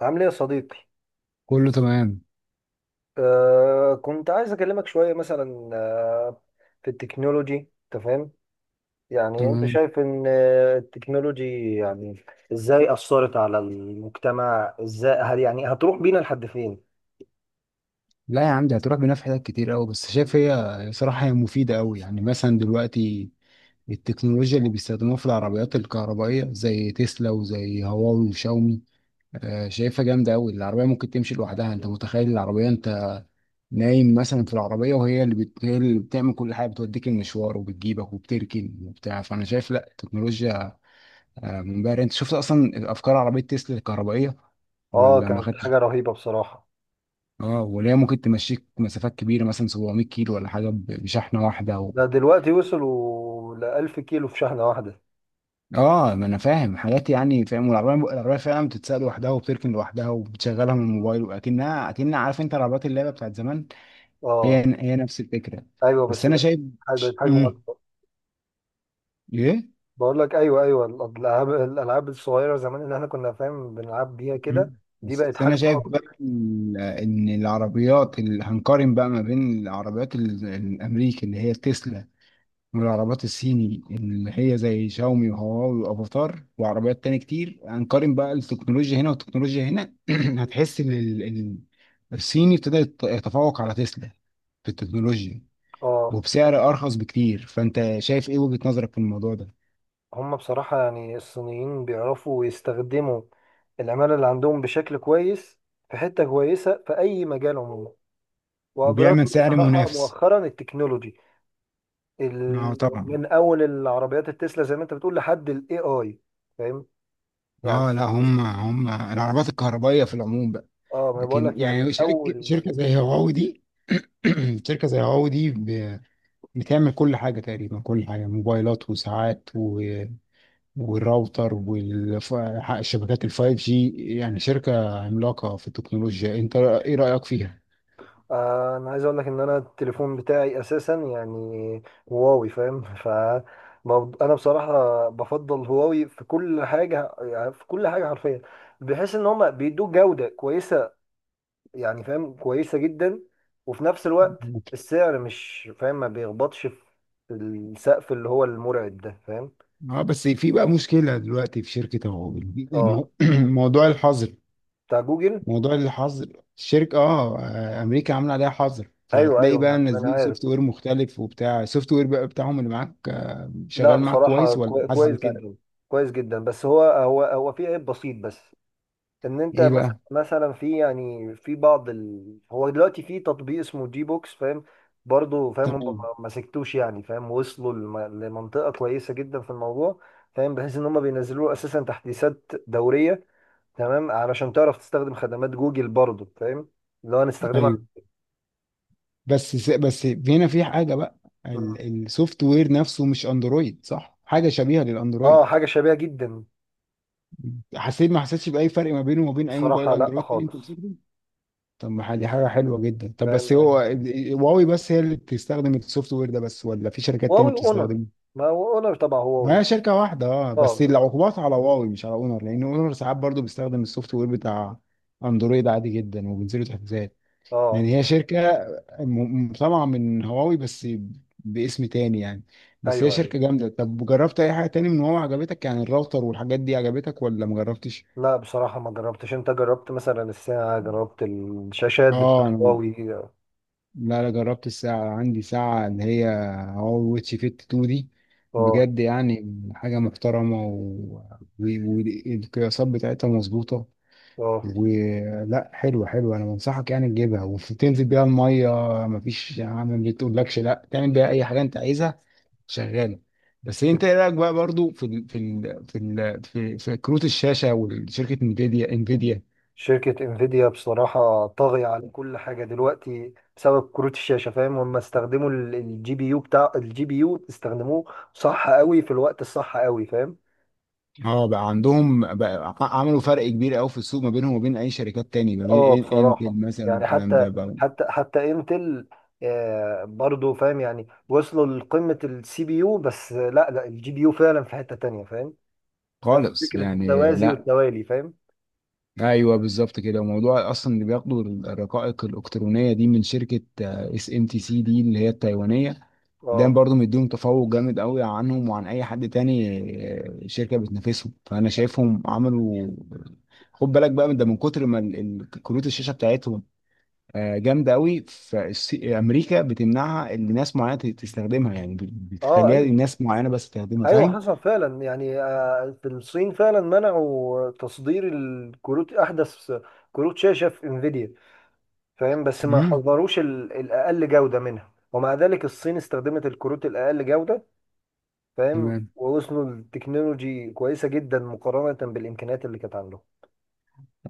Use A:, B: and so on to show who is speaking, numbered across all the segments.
A: عامل ايه يا صديقي؟
B: كله تمام.
A: كنت عايز اكلمك شويه مثلا في التكنولوجي انت فاهم. يعني انت
B: تمام.
A: شايف ان التكنولوجي يعني ازاي اثرت على المجتمع، ازاي هل يعني هتروح بينا لحد فين؟
B: لا يا عم دي هتروح بينا في حتت كتير قوي. بس شايف هي صراحة هي مفيدة قوي، يعني مثلا دلوقتي التكنولوجيا اللي بيستخدموها في العربيات الكهربائية زي تسلا وزي هواوي وشاومي. شايفها جامدة قوي. العربية ممكن تمشي لوحدها، انت متخيل العربية انت نايم مثلا في العربية وهي هي اللي بتعمل كل حاجة، بتوديك المشوار وبتجيبك وبتركن وبتاع. فانا شايف لا، التكنولوجيا منبهرة. انت شفت اصلا افكار عربية تسلا الكهربائية
A: اه،
B: ولا ما
A: كانت
B: خدتش؟
A: حاجه رهيبه بصراحه.
B: اه وليه، ممكن تمشيك مسافات كبيره مثلا 700 كيلو ولا حاجه، بشحنه واحده
A: ده دلوقتي وصلوا ل 1000 كيلو في شحنه واحده.
B: اه. ما انا فاهم حاجات، يعني فاهم. والعربيه فعلا بتتسال لوحدها وبتركن لوحدها وبتشغلها من الموبايل، واكنها عارف انت العربيات اللعبه بتاعت زمان. هي
A: اه،
B: هي نفس الفكره.
A: ايوه
B: بس
A: بس
B: انا
A: بقت
B: شايف.
A: بقت حجمه
B: امم
A: اكبر.
B: ايه.
A: بقول لك ايوه، ايوه الالعاب الصغيره زمان اللي احنا كنا فاهم بنلعب بيها كده.
B: مم.
A: دي بقت
B: بس
A: حجم
B: انا شايف
A: اكبر.
B: بقى ان العربيات اللي هنقارن بقى ما بين العربيات الامريكي اللي هي تسلا، والعربيات الصيني اللي هي زي شاومي وهواوي وافاتار وعربيات تاني كتير. هنقارن بقى التكنولوجيا هنا والتكنولوجيا هنا هتحس ان الصيني ابتدى يتفوق على تسلا في التكنولوجيا،
A: اه،
B: وبسعر ارخص بكتير. فانت شايف ايه، وجهة نظرك في الموضوع ده؟
A: هم بصراحة يعني الصينيين بيعرفوا يستخدموا العمالة اللي عندهم بشكل كويس في حتة كويسة في أي مجال عموما.
B: وبيعمل
A: وأبرزوا
B: سعر
A: بصراحة
B: منافس.
A: مؤخرا التكنولوجي
B: اه
A: ال...
B: طبعا.
A: من أول العربيات التسلا زي ما أنت بتقول لحد ال AI. فاهم يعني.
B: اه لا، هم العربيات الكهربائية في العموم بقى.
A: اه، ما أنا بقول
B: لكن
A: لك يعني من
B: يعني شركة
A: أول.
B: شركة زي هواوي دي شركة زي هواوي دي بتعمل كل حاجة تقريبا، كل حاجة، موبايلات وساعات والراوتر والشبكات الفايف جي. يعني شركة عملاقة في التكنولوجيا، انت ايه رأيك فيها؟
A: انا عايز اقول لك ان انا التليفون بتاعي اساسا يعني هواوي فاهم ف انا بصراحه بفضل هواوي في كل حاجه، يعني في كل حاجه حرفيا، بحيث ان هم بيدوك جوده كويسه، يعني فاهم، كويسه جدا. وفي نفس الوقت السعر مش فاهم، ما بيخبطش في السقف اللي هو المرعب ده، فاهم.
B: اه بس في بقى مشكلة دلوقتي في شركة أهو.
A: اه،
B: المو... موضوع الحظر.
A: بتاع جوجل.
B: موضوع الحظر. الشركة، أمريكا عاملة عليها حظر.
A: ايوه،
B: فهتلاقي
A: ايوه،
B: بقى
A: ما انا
B: نازلين
A: عارف.
B: سوفت وير مختلف، وبتاع السوفت وير بقى بتاعهم اللي معاك،
A: لا
B: شغال معاك
A: بصراحه
B: كويس ولا حاسس
A: كويس
B: بفرق؟
A: جدا، كويس جدا. بس هو في عيب بسيط بس. ان انت
B: ايه
A: مثلا
B: بقى؟
A: مثلا في يعني في بعض هو دلوقتي في تطبيق اسمه جي بوكس فاهم. برضه فاهم، هم
B: تمام.
A: ما سكتوش يعني فاهم، وصلوا لم... لمنطقة كويسة جدا في الموضوع. فاهم بحيث ان هم بينزلوا له اساسا تحديثات دورية. تمام علشان تعرف تستخدم خدمات جوجل برضه، فاهم، اللي هو نستخدمها.
B: ايوه بس بس هنا في حاجه بقى،
A: مم.
B: السوفت وير نفسه مش اندرويد صح، حاجه شبيهه
A: اه،
B: للاندرويد.
A: حاجة شبيهة جدا.
B: حسيت ما حسيتش باي فرق ما بينه وما بين اي موبايل
A: بصراحة لا
B: اندرويد تاني انت
A: خالص.
B: بتستخدمه؟ طب ما دي حاجه حلوه جدا. طب
A: فاهم
B: بس هو
A: يعني.
B: هواوي بس هي اللي بتستخدم السوفت وير ده، بس ولا في شركات تانية
A: هواوي اونر.
B: بتستخدمه؟
A: ما هو اونر طبعا
B: ما
A: هواوي.
B: هي شركه واحده. اه
A: اه.
B: بس العقوبات على هواوي مش على اونر، لان اونر ساعات برضو بيستخدم السوفت وير بتاع اندرويد عادي جدا وبينزلوا تحديثات.
A: اه،
B: يعني هي شركة طبعا من هواوي، بس باسم تاني يعني. بس هي
A: ايوه، ايوه،
B: شركة جامدة. طب جربت أي حاجة تاني من هواوي عجبتك، يعني الراوتر والحاجات دي عجبتك ولا مجربتش؟
A: لا بصراحة ما جربتش. انت جربت مثلا الساعة؟ جربت الشاشات بتاعت
B: اه أنا-
A: هواوي.
B: لا لا، جربت الساعة، عندي ساعة اللي هي هواوي واتش فيت 2 دي.
A: اه.
B: بجد يعني حاجة محترمة و- والقياسات بتاعتها مظبوطة
A: اه،
B: ولا حلوة حلوة. أنا بنصحك يعني تجيبها وتنزل بيها المية. مفيش يا عم ما بتقولكش، لا تعمل بيها أي حاجة أنت عايزها، شغاله. بس انت ايه رايك بقى برضو في كروت الشاشه وشركه انفيديا؟
A: شركة انفيديا بصراحة طاغية على كل حاجة دلوقتي بسبب كروت الشاشة، فاهم. هم استخدموا الجي بي يو، بتاع الجي بي يو استخدموه صح قوي، في الوقت الصح قوي فاهم.
B: اه بقى عندهم بقى عملوا فرق كبير قوي في السوق، ما بينهم وما بين اي شركات تاني، ما بين
A: اه بصراحة،
B: انتل مثلا
A: يعني
B: والكلام ده
A: حتى
B: بقى.
A: حتى حتى انتل برضو فاهم، يعني وصلوا لقمة السي بي يو. بس لا، لا الجي بي يو فعلا في حتة تانية فاهم. نفس
B: خالص
A: فكرة
B: يعني
A: التوازي
B: لا.
A: والتوالي فاهم.
B: ايوه بالظبط كده. وموضوع اصلا اللي بياخدوا الرقائق الالكترونيه دي من شركه اس ام تي سي دي اللي هي التايوانيه، ده
A: اه.
B: برضو مديهم تفوق جامد قوي عنهم وعن اي حد تاني. شركه بتنافسهم. فانا شايفهم عملوا، خد بالك بقى من ده، من كتر ما كروت الشاشه بتاعتهم جامده قوي، فامريكا بتمنعها ان ناس معينه تستخدمها، يعني
A: اه،
B: بتخليها
A: ايوه،
B: الناس معينه بس تستخدمها
A: ايوه
B: فاهم.
A: حصل فعلا. يعني في الصين فعلا منعوا تصدير الكروت، احدث كروت شاشه في انفيديا، فاهم. بس ما
B: امم
A: حضروش الاقل جوده منها، ومع ذلك الصين استخدمت الكروت الاقل جوده فاهم.
B: تمام.
A: ووصلوا لتكنولوجي كويسه جدا مقارنه بالامكانيات اللي كانت عندهم.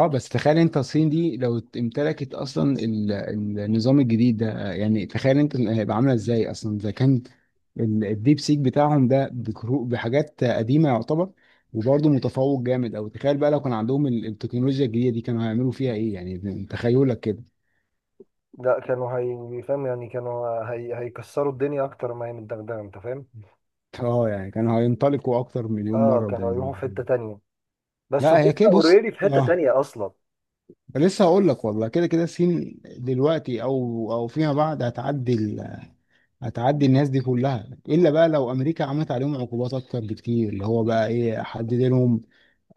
B: اه بس تخيل انت الصين دي لو امتلكت اصلا النظام الجديد ده، يعني تخيل انت هيبقى عامله ازاي، اصلا اذا كان الديب سيك بتاعهم ده بحاجات قديمه يعتبر وبرضه متفوق جامد، او تخيل بقى لو كان عندهم التكنولوجيا الجديده دي كانوا هيعملوا فيها ايه، يعني تخيلك كده.
A: لا كانوا، هي فاهم يعني كانوا هيكسروا الدنيا اكتر ما هي متدغدغه انت فاهم.
B: اه يعني كانوا هينطلقوا اكتر مليون
A: اه،
B: مره
A: كانوا هيروحوا في حته تانيه. بس
B: لا.
A: هم
B: هي كده بص.
A: اوريدي في حته
B: اه
A: تانيه اصلا.
B: لسه هقول لك، والله كده كده الصين دلوقتي او فيما بعد هتعدي الناس دي كلها، الا بقى لو امريكا عملت عليهم عقوبات اكتر بكتير، اللي هو بقى ايه حدد لهم،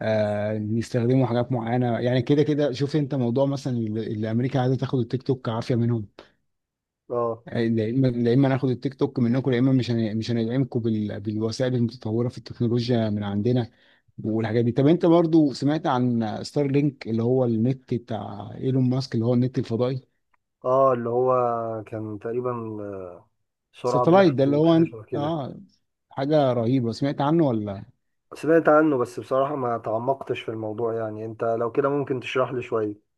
B: بيستخدموا حاجات معينه يعني. كده كده شوف انت موضوع مثلا اللي امريكا عايزه تاخد التيك توك كعافيه منهم.
A: اه،
B: لا اما، لا إما ناخد التيك توك منكم، يا اما مش هندعمكم بالوسائل المتطوره في التكنولوجيا من عندنا والحاجات دي. طب انت برضو سمعت عن ستار لينك، اللي هو النت بتاع ايلون ماسك، اللي هو النت الفضائي،
A: اه اللي هو كان تقريبا سرعة بلا
B: ساتلايت ده اللي
A: حدود، حاجة
B: هو،
A: شبه كده.
B: اه حاجه رهيبه، سمعت عنه ولا؟
A: سمعت عنه بس بصراحة ما تعمقتش في الموضوع، يعني انت لو كده ممكن تشرح لي شوية.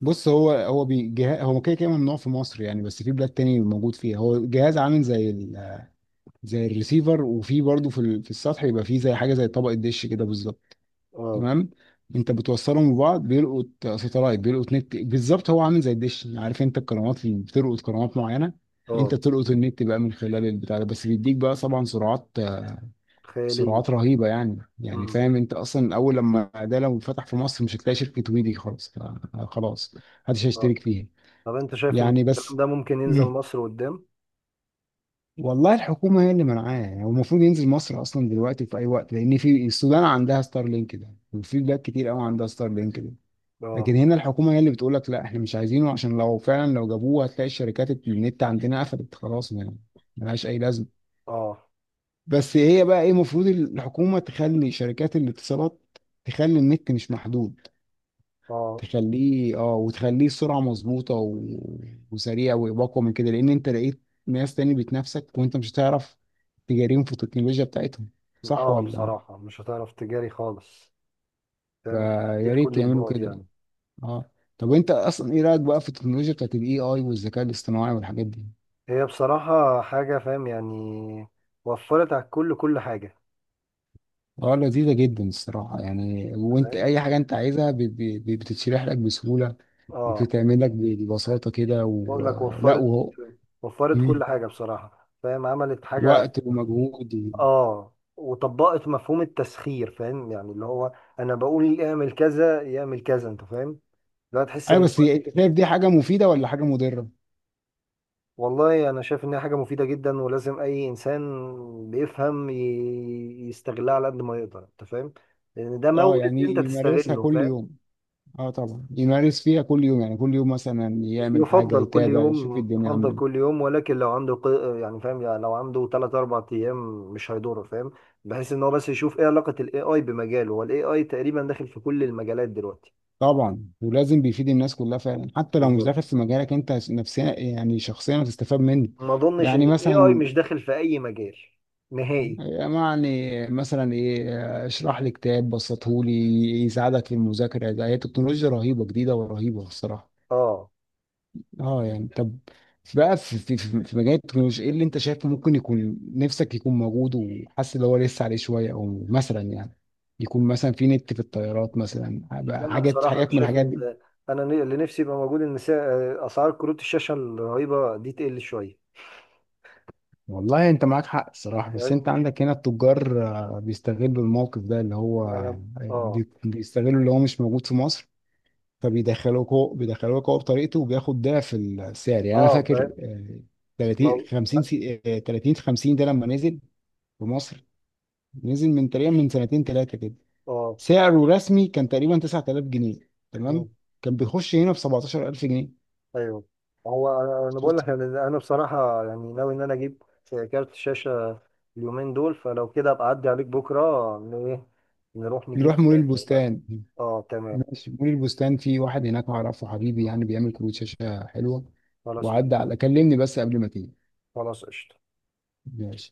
B: بص هو جهاز، هو كده كده ممنوع في مصر يعني، بس في بلاد تاني موجود فيها. هو جهاز عامل زي الريسيفر، وفي برضه في في السطح، يبقى في زي حاجه زي طبقه دش كده بالظبط.
A: اه،
B: تمام. انت بتوصلهم ببعض بيلقط ساتلايت، بيلقط نت بالظبط. هو عامل زي الدش يعني، عارف انت القنوات اللي بتلقط قنوات معينه، انت
A: اه،
B: بتلقط النت بقى من خلال البتاع ده، بس بيديك بقى طبعا سرعات،
A: خيالية.
B: سرعات رهيبه يعني
A: امم.
B: فاهم انت اصلا، اول لما ده لو فتح في مصر مش هتلاقي شركه ويدي خالص، خلاص محدش
A: اه،
B: هيشترك فيها
A: طب انت شايف ان
B: يعني. بس
A: الكلام ده ممكن ينزل مصر قدام؟
B: والله الحكومة هي اللي منعاه، يعني هو المفروض ينزل مصر أصلا دلوقتي في أي وقت، لأن في السودان عندها ستار لينك ده، وفي بلاد كتير أوي عندها ستار لينك ده. لكن
A: اه،
B: هنا الحكومة هي اللي بتقول لك لا، إحنا مش عايزينه، عشان لو فعلا لو جابوه هتلاقي الشركات النت عندنا قفلت خلاص يعني، ملهاش أي لازمة.
A: اه،
B: بس هي بقى إيه، المفروض الحكومة تخلي شركات الاتصالات تخلي النت مش محدود،
A: اه،
B: تخليه وتخليه السرعه مظبوطه وسريع واقوى من كده، لان انت لقيت ناس تاني بتنافسك وانت مش هتعرف تجاريهم في التكنولوجيا بتاعتهم، صح
A: اه،
B: ولا؟
A: بصراحة مش هتعرف تجاري خالص فاهم.
B: فيا
A: بعيد
B: ريت
A: كل
B: يعملوا
A: البعد
B: كده يعني.
A: يعني.
B: اه. طب انت اصلا ايه رايك بقى في التكنولوجيا بتاعت الاي اي والذكاء الاصطناعي والحاجات دي؟
A: هي بصراحة حاجة فاهم يعني وفرت على الكل كل حاجة.
B: اه لذيذه جدا الصراحه يعني، وانت
A: فاهم.
B: اي حاجه انت عايزها بتتشرح لك بسهوله،
A: اه،
B: وبتتعمل لك ببساطه كده
A: بقول لك
B: ولا،
A: وفرت،
B: وهو.
A: وفرت
B: مم.
A: كل حاجة بصراحة فاهم، عملت حاجة
B: وقت
A: يعني.
B: ومجهود.
A: اه، وطبقت مفهوم التسخير، فاهم يعني، اللي هو انا بقول يعمل كذا يعمل كذا انت فاهم. لا تحس
B: ايوه
A: ان،
B: بس انت شايف دي حاجه مفيده ولا حاجه مضره؟
A: والله انا شايف انها حاجة مفيدة جدا، ولازم اي انسان بيفهم يستغلها على قد ما يقدر انت فاهم. لان ده
B: اه
A: مورد
B: يعني
A: انت
B: يمارسها
A: تستغله
B: كل
A: فاهم؟
B: يوم. اه طبعا يمارس فيها كل يوم، يعني كل يوم مثلا يعمل حاجه،
A: يفضل كل
B: يتابع، يشوف
A: يوم،
B: الدنيا
A: يفضل
B: عامله
A: كل
B: إيه.
A: يوم. ولكن لو عنده يعني فاهم، يعني لو عنده 3 4 ايام مش هيضره فاهم. بحيث ان هو بس يشوف ايه علاقة الاي اي بمجاله. هو الاي اي تقريبا داخل في كل المجالات دلوقتي.
B: طبعا ولازم بيفيد الناس كلها فعلا، حتى لو مش
A: بالظبط.
B: داخل في مجالك انت نفسيا يعني شخصيا هتستفاد منه.
A: ما اظنش ان
B: يعني
A: الاي اي
B: مثلا،
A: مش داخل في اي مجال نهائي.
B: يعني مثلا ايه، اشرح لي كتاب بسطهولي، يساعدك في المذاكره. ده هي تكنولوجيا رهيبه جديده، ورهيبه الصراحه.
A: اه.
B: اه يعني طب، بقى في مجال التكنولوجيا، ايه اللي انت شايفه ممكن يكون نفسك يكون موجود وحاسس ان هو لسه عليه شويه، او مثلا يعني يكون مثلا في نت في الطيارات مثلا بقى،
A: لا
B: حاجات
A: بصراحة انا
B: حاجات من
A: شايف
B: الحاجات دي.
A: ان انا اللي نفسي يبقى موجود ان اسعار كروت الشاشة الرهيبة دي تقل شوية.
B: والله انت معاك حق الصراحه، بس انت
A: فاهم.
B: عندك هنا التجار بيستغلوا الموقف ده اللي هو،
A: انا. اه.
B: بيستغلوا اللي هو مش موجود في مصر، فبيدخلوك هو، بيدخلوك هو بطريقته وبياخد ضعف السعر. يعني انا
A: اه، فاهم.
B: فاكر 30
A: مو-
B: 50 سي- آه، 30 50 ده لما نزل في مصر، نزل من تقريبا من سنتين ثلاثه كده،
A: اه،
B: سعره رسمي كان تقريبا 9000 جنيه تمام، كان بيخش هنا ب 17000 جنيه.
A: ايوه. هو انا بقول
B: شفت.
A: لك انا بصراحه يعني ناوي ان انا اجيب كارت شاشه اليومين دول. فلو كده ابقى اعدي عليك بكره، ايه نروح نجيب
B: نروح مول
A: واحد.
B: البستان.
A: اه تمام.
B: ماشي، مول البستان في واحد هناك اعرفه حبيبي، يعني بيعمل كروت شاشه حلوه.
A: خلاص
B: وعدى
A: تمام.
B: على كلمني بس قبل ما تيجي.
A: خلاص قشطه.
B: ماشي.